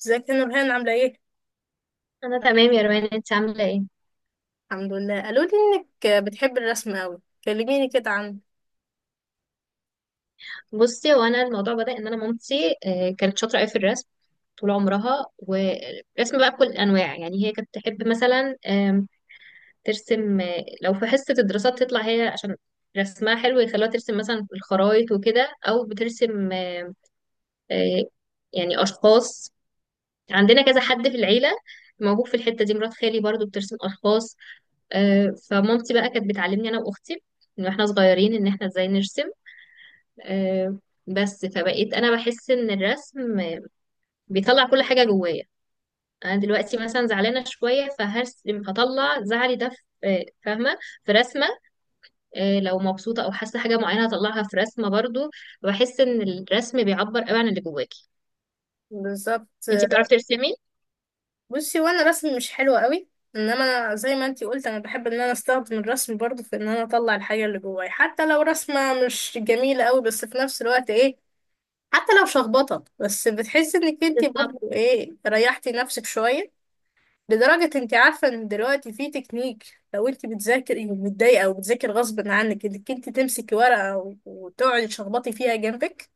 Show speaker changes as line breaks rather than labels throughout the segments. ازيك يا نورهان عاملة ايه؟
انا تمام يا روان، انت عامله ايه؟
الحمد لله قالوا لي انك بتحب الرسم قوي. كلميني كده عنه.
بصي، هو انا الموضوع بدأ ان انا مامتي كانت شاطره قوي في الرسم طول عمرها. ورسم بقى بكل الانواع، يعني هي كانت تحب مثلا ترسم. لو في حصه الدراسات تطلع هي، عشان رسمها حلو، يخلوها ترسم مثلا الخرايط وكده، او بترسم آه، يعني اشخاص. عندنا كذا حد في العيله موهوب في الحته دي، مرات خالي برضو بترسم اشخاص. فمامتي بقى كانت بتعلمني انا واختي من واحنا صغيرين ان احنا ازاي نرسم. آه، بس فبقيت انا بحس ان الرسم بيطلع كل حاجه جوايا. انا دلوقتي مثلا زعلانه شويه، فهرسم، هطلع زعلي ده في فاهمه، في رسمه. لو مبسوطه او حاسه حاجه معينه هطلعها في رسمه برضو. بحس ان الرسم بيعبر قوي عن اللي جواكي.
بالظبط.
انتي بتعرفي ترسمي؟
بصي وانا رسم مش حلو قوي، انما أنا زي ما انتي قلت انا بحب ان انا استخدم الرسم برضو في ان انا اطلع الحاجة اللي جواي، حتى لو رسمة مش جميلة قوي بس في نفس الوقت ايه، حتى لو شخبطة بس بتحسي انك انتي
بالظبط.
برضو ايه، ريحتي نفسك شوية. لدرجة انت عارفة ان دلوقتي في تكنيك، لو انت بتذاكري ومتضايقة او بتذاكري غصب عنك انك انت تمسكي ورقة وتقعدي تشخبطي فيها جنبك.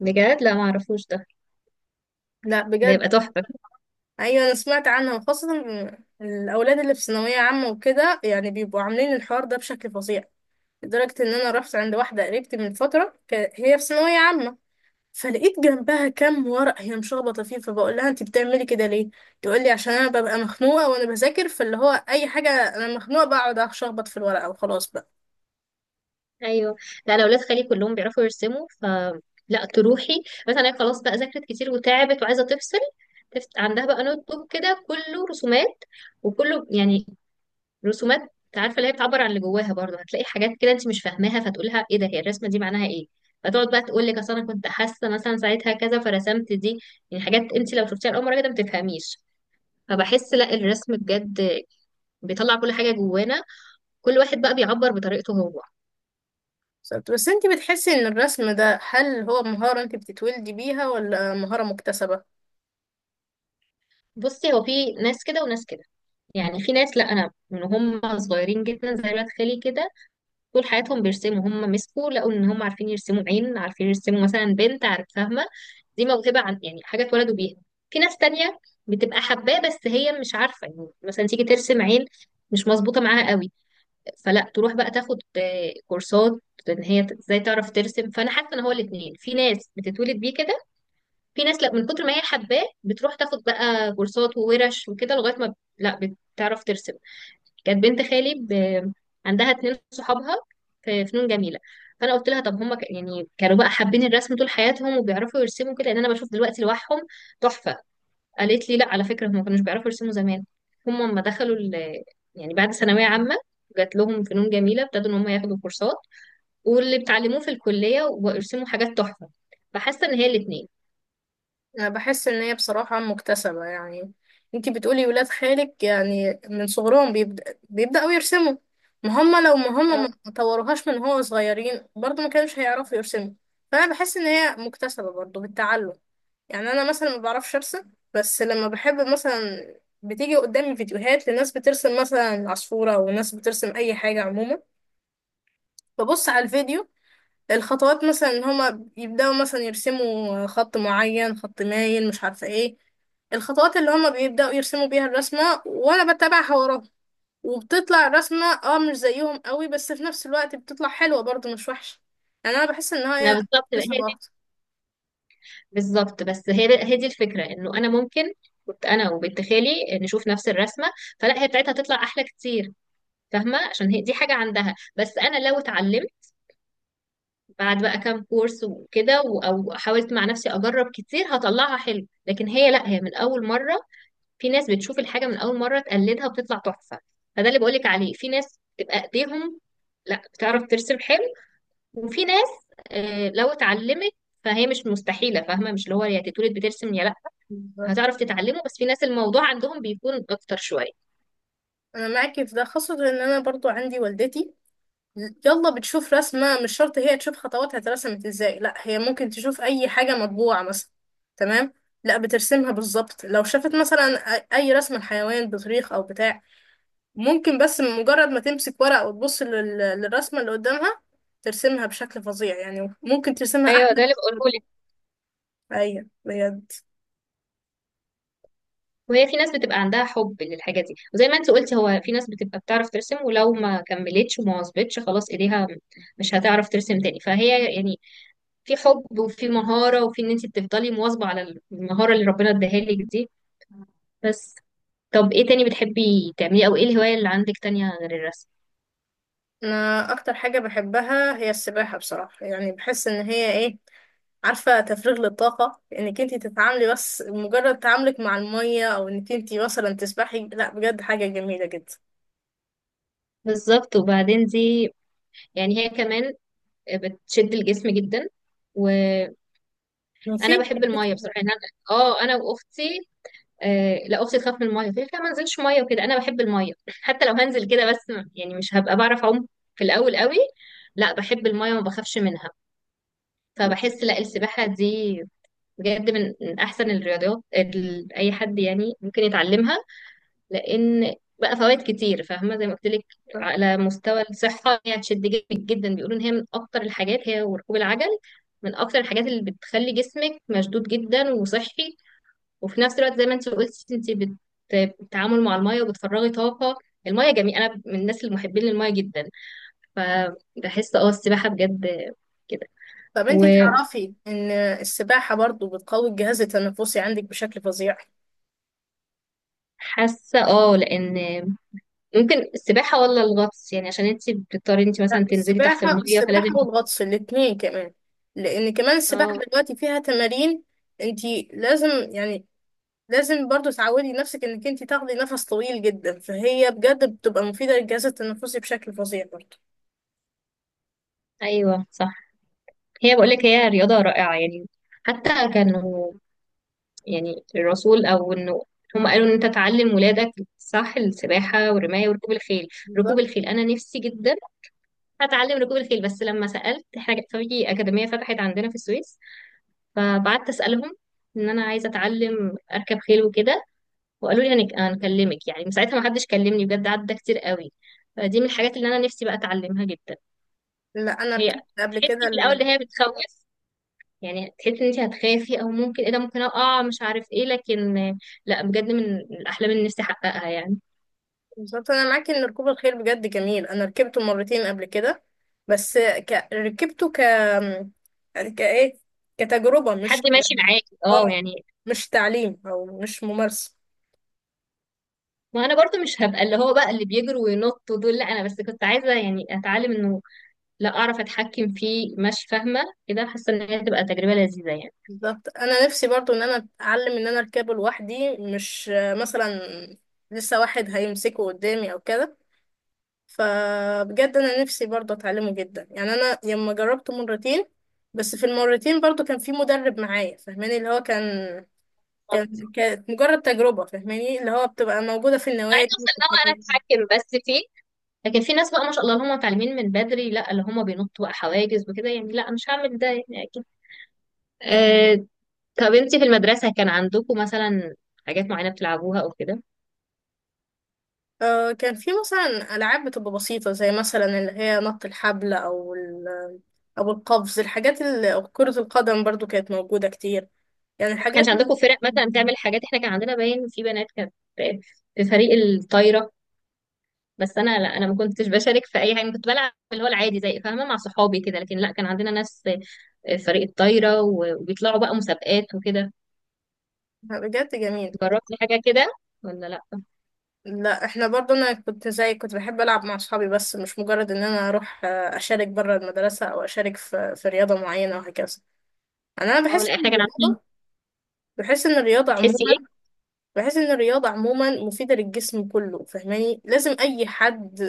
بجد لا ما اعرفوش ده،
لا
ده
بجد.
يبقى تحفه.
ايوه انا سمعت عنها، وخاصة الاولاد اللي في ثانوية عامة وكده يعني بيبقوا عاملين الحوار ده بشكل فظيع. لدرجة ان انا رحت عند واحدة قريبتي من فترة هي في ثانوية عامة، فلقيت جنبها كام ورق هي مشخبطه فيه، فبقول لها انت بتعملي كده ليه؟ تقول لي عشان انا ببقى مخنوقه وانا بذاكر فاللي هو اي حاجه انا مخنوقه بقعد اشخبط في الورقه وخلاص بقى.
ايوه. لا، انا اولاد خالي كلهم بيعرفوا يرسموا ف لا تروحي، مثلا هي خلاص بقى ذاكرت كتير وتعبت وعايزه تفصل، عندها بقى نوت بوك كده كله رسومات، وكله يعني رسومات. عارفه اللي هي بتعبر عن اللي جواها برضه، هتلاقي حاجات كده انت مش فاهماها فتقولها ايه ده، هي الرسمه دي معناها ايه؟ فتقعد بقى تقول لك اصل انا كنت حاسه مثلا ساعتها كذا، فرسمت دي. يعني حاجات انت لو شفتيها لاول مره كده ما تفهميش. فبحس لا الرسم بجد بيطلع كل حاجه جوانا، كل واحد بقى بيعبر بطريقته هو.
بالظبط. بس انت بتحسي ان الرسم ده هل هو مهاره انت بتتولدي بيها ولا مهاره مكتسبه؟
بصي، هو في ناس كده وناس كده. يعني في ناس، لا، انا من هم صغيرين جدا زي ولاد خالي كده طول حياتهم بيرسموا، هم مسكوا لقوا ان هم عارفين يرسموا عين، عارفين يرسموا مثلا بنت، عارف، فاهمه، دي موهبه، عن يعني حاجه اتولدوا بيها. في ناس تانية بتبقى حباه بس هي مش عارفه، يعني مثلا تيجي ترسم عين مش مظبوطه معاها قوي، فلا تروح بقى تاخد كورسات ان هي ازاي تعرف ترسم. فانا حاسه ان هو الاثنين، في ناس بتتولد بيه كده، في ناس لا من كتر ما هي حباه بتروح تاخد بقى كورسات وورش وكده لغايه ما لا بتعرف ترسم. كانت بنت خالي عندها اتنين صحابها في فنون جميله، فانا قلت لها طب هم يعني كانوا بقى حابين الرسم طول حياتهم وبيعرفوا يرسموا كده، لان انا بشوف دلوقتي لوحهم تحفه. قالت لي لا، على فكره هم ما كانوش بيعرفوا يرسموا زمان، هم لما دخلوا يعني بعد ثانويه عامه، جات لهم فنون جميله ابتدوا ان هم ياخدوا كورسات واللي بتعلموه في الكليه ويرسموا حاجات تحفه. فحاسه ان هي الاثنين.
أنا بحس إن هي بصراحة مكتسبة يعني. انتي بتقولي ولاد خالك يعني من صغرهم بيبدأوا يرسموا، ما هم لو
اه.
ما طوروهاش من هو صغيرين برضو ما كانوش هيعرفوا يرسموا. فأنا بحس إن هي مكتسبة برضو بالتعلم. يعني أنا مثلا ما بعرفش أرسم، بس لما بحب مثلا بتيجي قدامي فيديوهات لناس بترسم مثلا عصفورة وناس بترسم أي حاجة عموما، ببص على الفيديو الخطوات مثلا ان هما يبداوا مثلا يرسموا خط معين، خط مايل، مش عارفه ايه الخطوات اللي هما بيبداوا يرسموا بيها الرسمه، وانا بتابعها وراهم وبتطلع الرسمه، اه مش زيهم قوي بس في نفس الوقت بتطلع حلوه برضو، مش وحشه. يعني انا بحس ان
ما
هي
بالظبط، هي
مكتسبه
دي.
اكتر.
بالظبط، بس هي هي دي الفكره، انه انا ممكن كنت انا وبنت خالي نشوف نفس الرسمه، فلا هي بتاعتها تطلع احلى كتير. فاهمه، عشان هي دي حاجه عندها. بس انا لو اتعلمت بعد بقى كام كورس وكده او حاولت مع نفسي اجرب كتير هطلعها حلو، لكن هي لا، هي من اول مره. في ناس بتشوف الحاجه من اول مره تقلدها وبتطلع تحفه. فده اللي بقولك عليه، في ناس بتبقى ايديهم، لا، بتعرف ترسم حلو. وفي ناس لو اتعلمت فهي مش مستحيله. فاهمه، مش اللي هو يا تتولد بترسم يا
بالظبط.
هتعرف تتعلمه، بس في ناس الموضوع عندهم بيكون اكتر شويه.
انا معاكي في ده، خاصه ان انا برضو عندي والدتي يلا بتشوف رسمة مش شرط هي تشوف خطواتها اترسمت ازاي، لا هي ممكن تشوف اي حاجة مطبوعة مثلا. تمام. لا بترسمها بالظبط، لو شافت مثلا اي رسمة لحيوان، بطريق او بتاع ممكن، بس مجرد ما تمسك ورق وتبص للرسمة اللي قدامها ترسمها بشكل فظيع. يعني ممكن ترسمها
ايوه،
احلى
ده اللي
من
بقوله
المكتوب.
لك.
ايوه بجد.
وهي في ناس بتبقى عندها حب للحاجه دي، وزي ما انت قلتي، هو في ناس بتبقى بتعرف ترسم ولو ما كملتش وما واظبتش خلاص ايديها مش هتعرف ترسم تاني. فهي يعني في حب، وفي مهاره، وفي ان انت بتفضلي مواظبه على المهاره اللي ربنا اداها لك دي. بس طب ايه تاني بتحبي تعمليه، او ايه الهواية اللي عندك تانية غير الرسم؟
انا اكتر حاجة بحبها هي السباحة بصراحة. يعني بحس ان هي ايه، عارفة، تفريغ للطاقة، انك انتي تتعاملي بس مجرد تعاملك مع المية او انك انتي مثلا تسبحي، لا بجد حاجة جميلة جدا.
بالظبط، وبعدين دي يعني هي كمان بتشد الجسم جدا. انا
في
بحب الميه بصراحه، يعني انا واختي، لا اختي تخاف من الميه، تقول لي لا ما انزلش ميه وكده، انا بحب الميه حتى لو هنزل كده، بس يعني مش هبقى بعرف اعوم في الاول قوي. لا بحب الميه وما بخافش منها. فبحس لا، السباحه دي بجد من احسن الرياضات اللي اي حد يعني ممكن يتعلمها، لان بقى فوائد كتير. فاهمه، زي ما قلت لك، على مستوى الصحه هي هتشد جسمك جدا، بيقولوا ان هي من اكتر الحاجات، هي وركوب العجل، من اكتر الحاجات اللي بتخلي جسمك مشدود جدا وصحي. وفي نفس الوقت زي ما انت قلتي، انت بتتعامل مع المايه وبتفرغي طاقه. المايه جميل، انا من الناس المحبين للمايه جدا. فبحس السباحه بجد كده.
طب انتي
وحاسه
تعرفي ان السباحة برضو بتقوي الجهاز التنفسي عندك بشكل فظيع؟
اه لان ممكن السباحه ولا الغطس، يعني عشان انت بتضطري انت
لا
مثلا تنزلي تحت
السباحة،
المايه
السباحة
فلازم.
والغطس الاتنين كمان. لأن كمان السباحة
اه،
دلوقتي فيها تمارين، انتي لازم يعني لازم برضو تعودي نفسك انك انتي تاخدي نفس طويل جدا، فهي بجد بتبقى مفيدة للجهاز التنفسي بشكل فظيع برضو.
ايوه، صح. هي بقول لك هي رياضه رائعه يعني. حتى كانوا، يعني الرسول او انه، هم قالوا ان انت تعلم ولادك، صح، السباحه والرمايه وركوب الخيل. ركوب الخيل انا نفسي جدا هتعلم ركوب الخيل، بس لما سألت احنا كان في أكاديمية فتحت عندنا في السويس، فبعدت أسألهم إن أنا عايزة أتعلم أركب خيل وكده، وقالوا لي هنكلمك، يعني من ساعتها ما حدش كلمني، بجد عدى كتير قوي. فدي من الحاجات اللي أنا نفسي بقى أتعلمها جدا.
لا انا
هي
ركبت قبل
تحسي
كده
في الأول إن هي بتخوف، يعني تحسي إن أنت هتخافي، أو ممكن إيه ده ممكن أقع مش عارف إيه، لكن لا بجد من الأحلام اللي نفسي أحققها يعني.
بالظبط. انا معاكي ان ركوب الخيل بجد جميل. انا ركبته مرتين قبل كده بس ك... ركبته ك كايه كتجربه مش
حد ماشي معاكي
اه،
يعني.
مش تعليم او مش ممارسه.
ما انا برضو مش هبقى اللي هو بقى اللي بيجروا وينطوا دول، لا انا بس كنت عايزه يعني اتعلم انه، لا، اعرف اتحكم فيه مش فاهمه كده، حاسه ان هي تبقى تجربه لذيذه يعني.
بالظبط. انا نفسي برضو ان انا اتعلم ان انا اركبه لوحدي، مش مثلا لسه واحد هيمسكه قدامي او كده. فبجد انا نفسي برضو اتعلمه جدا. يعني انا لما جربته مرتين بس في المرتين برضو كان في مدرب معايا فاهماني اللي هو كان،
طب
كانت مجرد تجربة فاهماني اللي هو بتبقى موجودة في
عايزه
النوادي
اوصل
وفي
ان هو
الحاجات
انا
دي.
اتحكم بس فيه، لكن في ناس بقى ما شاء الله اللي هم متعلمين من بدري، لا، اللي هم بينطوا بقى حواجز وكده، يعني لا مش هعمل ده يعني اكيد.
كان
آه. طب انت في المدرسه كان عندكم مثلا حاجات معينه بتلعبوها او كده؟
كان في مثلا ألعاب بتبقى بسيطة، زي مثلا اللي هي نط الحبل أو القفز، الحاجات اللي أو كرة القدم برضو كانت موجودة كتير. يعني
ما كانش
الحاجات
عندكم فرق مثلا تعمل حاجات؟ احنا كان عندنا باين، في بنات كانت في فريق الطايره، بس انا لا، انا ما كنتش بشارك في اي حاجه، كنت بلعب اللي هو العادي زي، فاهمه، مع صحابي كده، لكن لا كان عندنا ناس فريق الطايرة وبيطلعوا بقى مسابقات وكده.
بجد جميل.
جربت حاجة كده ولا لأ؟
لا احنا برضو انا كنت زي كنت بحب العب مع اصحابي، بس مش مجرد ان انا اروح اشارك بره المدرسه او اشارك في رياضه معينه وهكذا. يعني انا
اه
بحس
لا،
ان
احنا كان عاملين.
بحس ان الرياضه عموما
بتحسي ايه؟
الرياضة عموما مفيدة للجسم كله، فاهماني لازم اي حد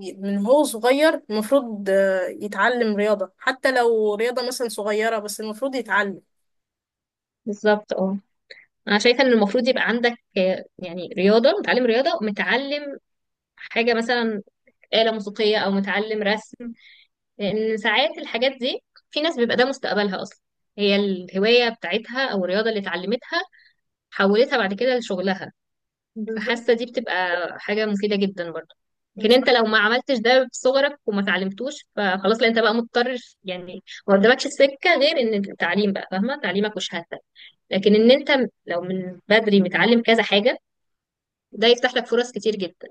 من هو صغير المفروض يتعلم رياضة، حتى لو رياضة مثلا صغيرة بس المفروض يتعلم.
بالظبط اه. انا شايفة ان المفروض يبقى عندك يعني رياضة، متعلم رياضة ومتعلم حاجة مثلا آلة موسيقية، او متعلم رسم. لان ساعات الحاجات دي في ناس بيبقى ده مستقبلها اصلا، هي الهواية بتاعتها او الرياضة اللي اتعلمتها حولتها بعد كده لشغلها.
بالظبط.
فحاسه دي بتبقى حاجه مفيده جدا برضه. لكن انت
بالظبط.
لو ما عملتش ده في صغرك وما تعلمتوش فخلاص، لا انت بقى مضطر، يعني ما قدامكش سكه غير ان التعليم بقى، فاهمه، تعليمك وشهادتك. لكن ان انت لو من بدري متعلم كذا حاجه، ده يفتح لك فرص كتير جدا.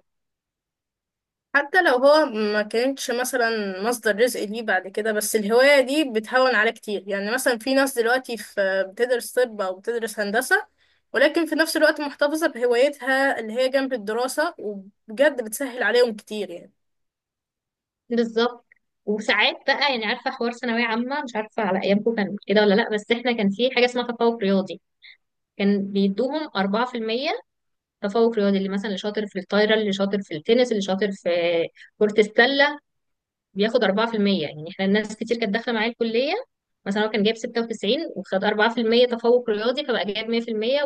حتى لو هو ما كانتش مثلا مصدر رزق ليه بعد كده، بس الهواية دي بتهون عليه كتير. يعني مثلا في ناس دلوقتي في بتدرس طب أو بتدرس هندسة ولكن في نفس الوقت محتفظة بهوايتها اللي هي جنب الدراسة، وبجد بتسهل عليهم كتير يعني.
بالظبط. وساعات بقى يعني، عارفه، حوار ثانويه عامه، مش عارفه على ايامكم كان كده ولا لا، بس احنا كان في حاجه اسمها تفوق رياضي، كان بيدوهم 4% تفوق رياضي، اللي مثلا اللي شاطر في الطايره، اللي شاطر في التنس، اللي شاطر في كرة السلة بياخد 4%. يعني احنا الناس كتير كانت داخله معايا الكليه، مثلا هو كان جايب 96 وخد 4% تفوق رياضي فبقى جايب 100%.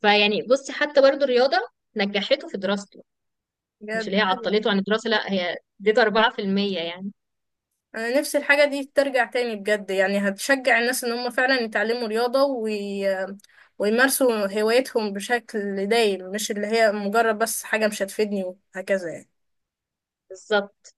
فيعني بصي، حتى برضو الرياضه نجحته في دراسته، مش
بجد
اللي هي عطلته عن الدراسه، لا هي اديته 4% يعني.
انا نفسي الحاجة دي ترجع تاني، بجد يعني هتشجع الناس ان هم فعلا يتعلموا رياضة ويمارسوا هوايتهم بشكل دايم، مش اللي هي مجرد بس حاجة مش هتفيدني وهكذا يعني.
بالظبط.